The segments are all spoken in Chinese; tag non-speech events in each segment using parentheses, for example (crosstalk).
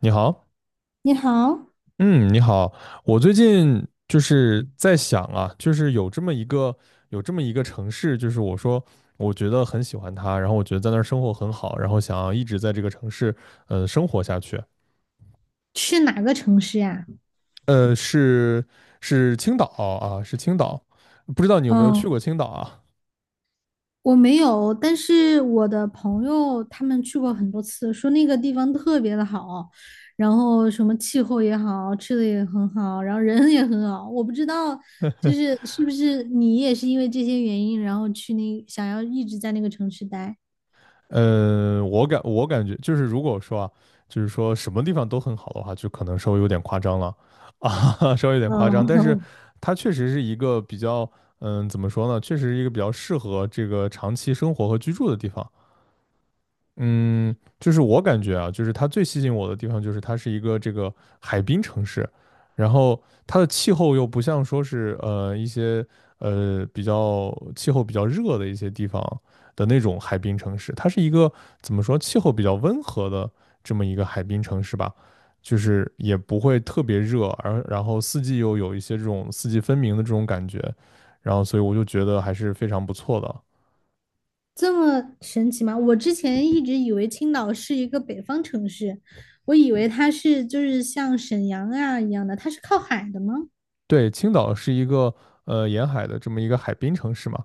你好，你好，嗯，你好，我最近就是在想啊，就是有这么一个城市，就是我说我觉得很喜欢它，然后我觉得在那儿生活很好，然后想要一直在这个城市生活下去，去哪个城市呀？呃是是青岛啊，是青岛，不知道你有没有去嗯，过青岛啊？我没有，但是我的朋友他们去过很多次，说那个地方特别的好，然后什么气候也好，吃的也很好，然后人也很好。我不知道，就是是不是你也是因为这些原因，然后去那想要一直在那个城市待？嗯，我感觉就是，如果说啊，就是说什么地方都很好的话，就可能稍微有点夸张了 (laughs) 啊，稍微有点夸张。但是嗯，它确实是一个比较，嗯，怎么说呢？确实是一个比较适合这个长期生活和居住的地方。嗯，就是我感觉啊，就是它最吸引我的地方就是它是一个这个海滨城市，然后它的气候又不像说是一些比较气候比较热的一些地方的那种海滨城市，它是一个怎么说气候比较温和的这么一个海滨城市吧，就是也不会特别热，而然后四季又有一些这种四季分明的这种感觉，然后所以我就觉得还是非常不错的。(laughs) 这么神奇吗？我之前一直以为青岛是一个北方城市，我以为它是就是像沈阳啊一样的，它是靠海的吗？对，青岛是一个沿海的这么一个海滨城市嘛，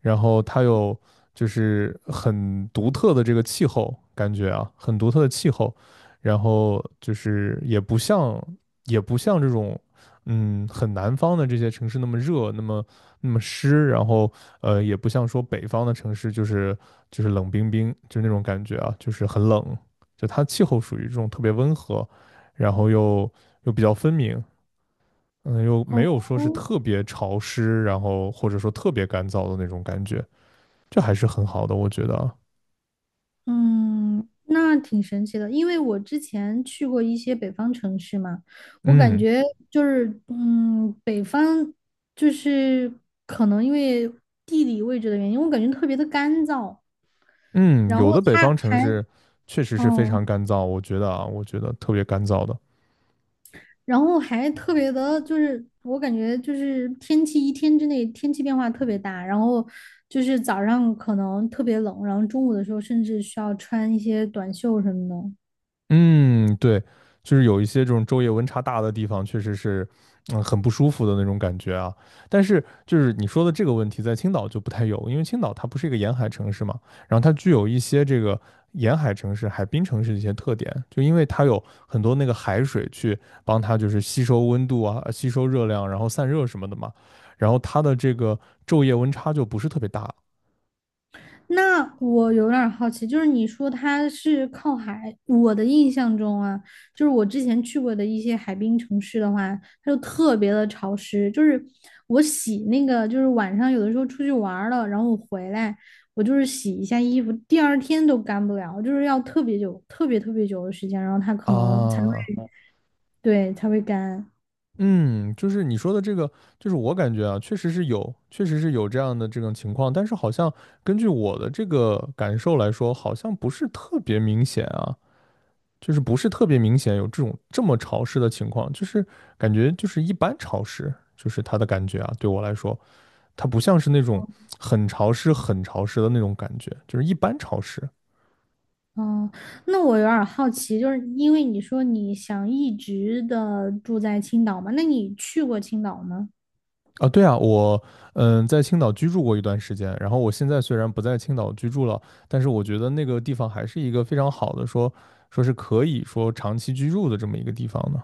然后它有就是很独特的这个气候感觉啊，很独特的气候，然后就是也不像这种嗯很南方的这些城市那么热，那么湿，然后也不像说北方的城市就是冷冰冰，就那种感觉啊，就是很冷，就它气候属于这种特别温和，然后又比较分明，嗯，又没有哦，说是特别潮湿，然后或者说特别干燥的那种感觉，这还是很好的，我觉得啊。嗯，那挺神奇的，因为我之前去过一些北方城市嘛，我感嗯觉就是，嗯，北方就是可能因为地理位置的原因，我感觉特别的干燥，嗯，然有后的北它方城还，市确实是非常嗯，干燥，我觉得啊，我觉得特别干燥的。然后还特别的，就是我感觉就是天气一天之内天气变化特别大，然后就是早上可能特别冷，然后中午的时候甚至需要穿一些短袖什么的。嗯，对，就是有一些这种昼夜温差大的地方，确实是，嗯，很不舒服的那种感觉啊。但是，就是你说的这个问题，在青岛就不太有，因为青岛它不是一个沿海城市嘛，然后它具有一些这个沿海城市、海滨城市的一些特点，就因为它有很多那个海水去帮它就是吸收温度啊、吸收热量，然后散热什么的嘛，然后它的这个昼夜温差就不是特别大那我有点儿好奇，就是你说它是靠海，我的印象中啊，就是我之前去过的一些海滨城市的话，它就特别的潮湿。就是我洗那个，就是晚上有的时候出去玩儿了，然后我回来，我就是洗一下衣服，第二天都干不了，就是要特别久、特别特别久的时间，然后它可能才会，啊。对，才会干。嗯，就是你说的这个，就是我感觉啊，确实是有这样的这种情况，但是好像根据我的这个感受来说，好像不是特别明显啊，就是不是特别明显有这种这么潮湿的情况，就是感觉就是一般潮湿，就是它的感觉啊，对我来说，它不像是那种、很潮湿的那种感觉，就是一般潮湿。哦，那我有点儿好奇，就是因为你说你想一直的住在青岛嘛，那你去过青岛吗？啊，对啊，我在青岛居住过一段时间，然后我现在虽然不在青岛居住了，但是我觉得那个地方还是一个非常好的说是可以说长期居住的这么一个地方呢。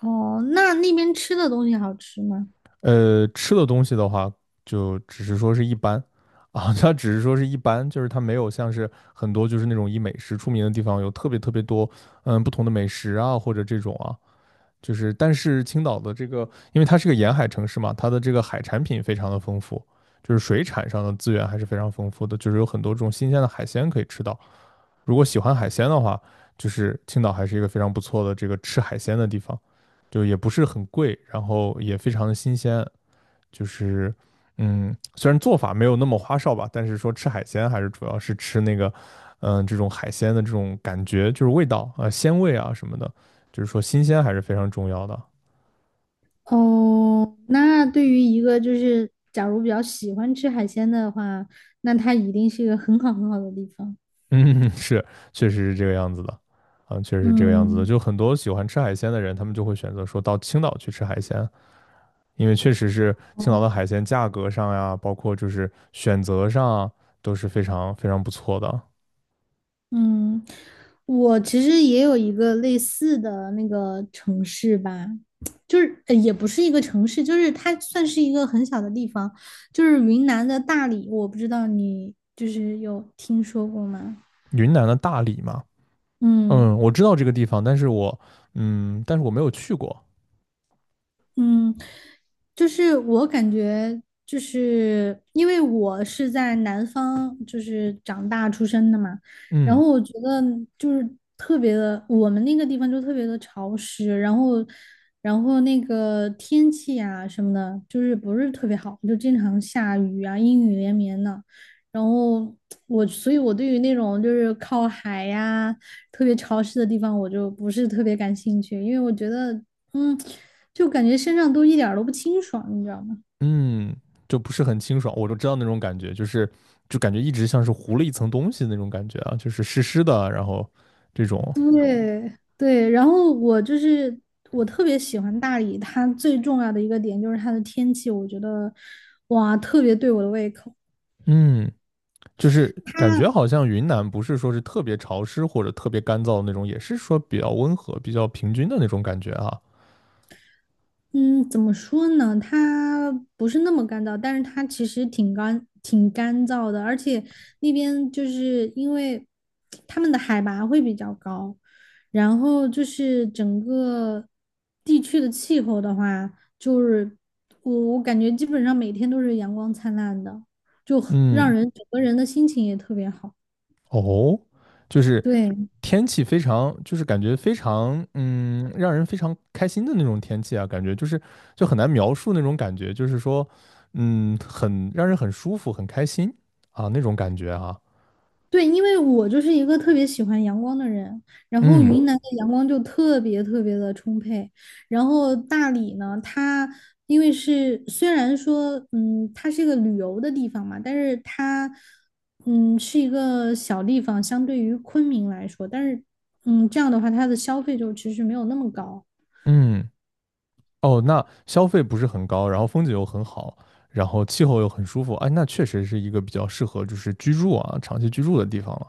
哦，那那边吃的东西好吃吗？呃，吃的东西的话，就只是说是一般啊，(laughs) 它只是说是一般，就是它没有像是很多就是那种以美食出名的地方有特别特别多不同的美食啊或者这种啊，就是但是青岛的这个，因为它是个沿海城市嘛，它的这个海产品非常的丰富，就是水产上的资源还是非常丰富的，就是有很多这种新鲜的海鲜可以吃到。如果喜欢海鲜的话，就是青岛还是一个非常不错的这个吃海鲜的地方，就也不是很贵，然后也非常的新鲜，就是。嗯，虽然做法没有那么花哨吧，但是说吃海鲜还是主要是吃那个，这种海鲜的这种感觉，就是味道啊、鲜味啊什么的，就是说新鲜还是非常重要的。哦，那对于一个就是假如比较喜欢吃海鲜的话，那它一定是一个很好很好的地方。嗯，(laughs) 是，确实是这个样子的，嗯，确实是这个样子的。嗯，就很多喜欢吃海鲜的人，他们就会选择说到青岛去吃海鲜，因为确实是青岛哦，的海鲜价格上呀，包括就是选择上啊都是非常非常不错的。嗯，我其实也有一个类似的那个城市吧，就是也不是一个城市，就是它算是一个很小的地方，就是云南的大理，我不知道你就是有听说过吗？云南的大理嘛，嗯。嗯，我知道这个地方，但是我，嗯，但是我没有去过，嗯，就是我感觉，就是因为我是在南方，就是长大出生的嘛，然嗯后我觉得就是特别的，我们那个地方就特别的潮湿，然后，然后那个天气啊什么的，就是不是特别好，就经常下雨啊，阴雨连绵的。然后我，所以我对于那种就是靠海呀、特别潮湿的地方，我就不是特别感兴趣，因为我觉得嗯，就感觉身上都一点儿都不清爽，你知道吗？嗯，就不是很清爽。我就知道那种感觉，就是就感觉一直像是糊了一层东西那种感觉啊，就是湿湿的，然后这种，对对，然后我就是我特别喜欢大理，它最重要的一个点就是它的天气，我觉得哇，特别对我的胃口。嗯。就是感它觉好像云南不是说是特别潮湿或者特别干燥的那种，也是说比较温和、比较平均的那种感觉啊。嗯，怎么说呢？它不是那么干燥，但是它其实挺干、挺干燥的，而且那边就是因为他们的海拔会比较高，然后就是整个地区的气候的话，就是我感觉基本上每天都是阳光灿烂的，就很让嗯，人整个人的心情也特别好。哦，就是对。天气非常，就是感觉非常，嗯，让人非常开心的那种天气啊，感觉就是就很难描述那种感觉，就是说，嗯，很让人很舒服、很开心啊那种感觉啊。对，因为我就是一个特别喜欢阳光的人，然后嗯云南的阳光就特别特别的充沛，然后大理呢，它因为是虽然说，嗯，它是一个旅游的地方嘛，但是它，嗯，是一个小地方，相对于昆明来说，但是，嗯，这样的话，它的消费就其实没有那么高。嗯。哦，那消费不是很高，然后风景又很好，然后气候又很舒服，哎，那确实是一个比较适合就是居住啊，长期居住的地方了。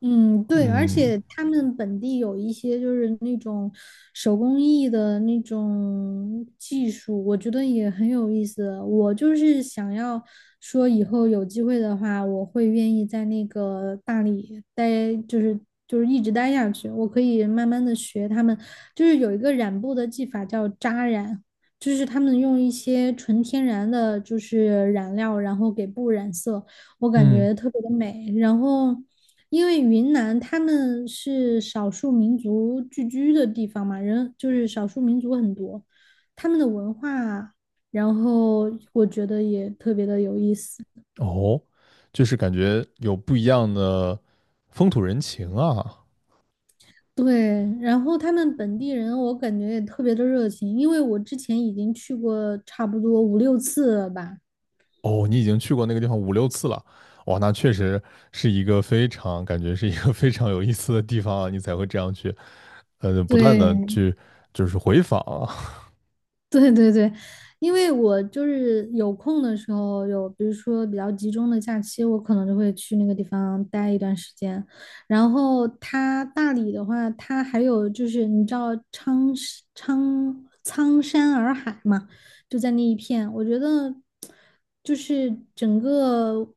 嗯，对，而嗯且他们本地有一些就是那种手工艺的那种技术，我觉得也很有意思。我就是想要说，以后有机会的话，我会愿意在那个大理待，就是一直待下去。我可以慢慢的学他们，就是有一个染布的技法叫扎染，就是他们用一些纯天然的就是染料，然后给布染色。我感嗯，觉特别的美。然后因为云南他们是少数民族聚居的地方嘛，人就是少数民族很多，他们的文化，然后我觉得也特别的有意思。哦，就是感觉有不一样的风土人情啊。对，然后他们本地人，我感觉也特别的热情，因为我之前已经去过差不多5、6次了吧。哦，你已经去过那个地方五六次了，哇，那确实是一个非常感觉是一个 (laughs) 非常有意思的地方啊，你才会这样去，不断的对，去就是回访啊。(laughs) 对对对，因为我就是有空的时候，有比如说比较集中的假期，我可能就会去那个地方待一段时间。然后它大理的话，它还有就是你知道苍山洱海嘛，就在那一片，我觉得就是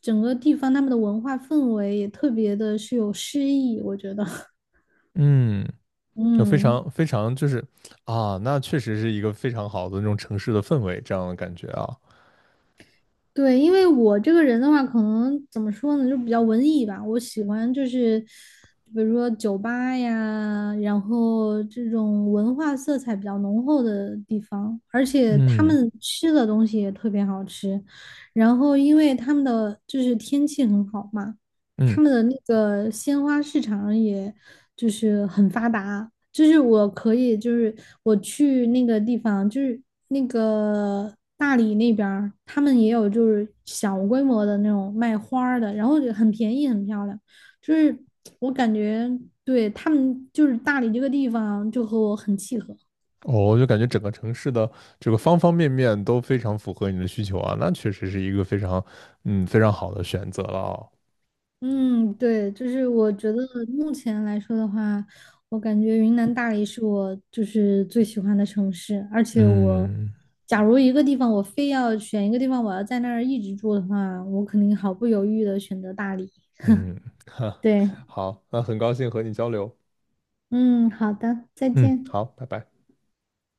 整个地方他们的文化氛围也特别的是有诗意，我觉得，(laughs) (laughs) 嗯就非嗯。常非常就是啊，那确实是一个非常好的那种城市的氛围，这样的感觉啊。对，因为我这个人的话，可能怎么说呢，就比较文艺吧。我喜欢就是，比如说酒吧呀，然后这种文化色彩比较浓厚的地方，而且他嗯们吃的东西也特别好吃。然后因为他们的就是天气很好嘛，嗯，他们的那个鲜花市场也就是很发达，就是我可以，就是我去那个地方，就是那个大理那边儿，他们也有就是小规模的那种卖花儿的，然后就很便宜，很漂亮。就是我感觉对他们，就是大理这个地方就和我很契合。我就感觉整个城市的这个方方面面都非常符合你的需求啊，那确实是一个非常非常好的选择了哦。嗯，对，就是我觉得目前来说的话，我感觉云南大理是我就是最喜欢的城市，而且我嗯假如一个地方我非要选一个地方，我要在那儿一直住的话，我肯定毫不犹豫的选择大理。嗯，(laughs) 哈，对，好，那很高兴和你交流。嗯，好的，再嗯，见。好，拜拜。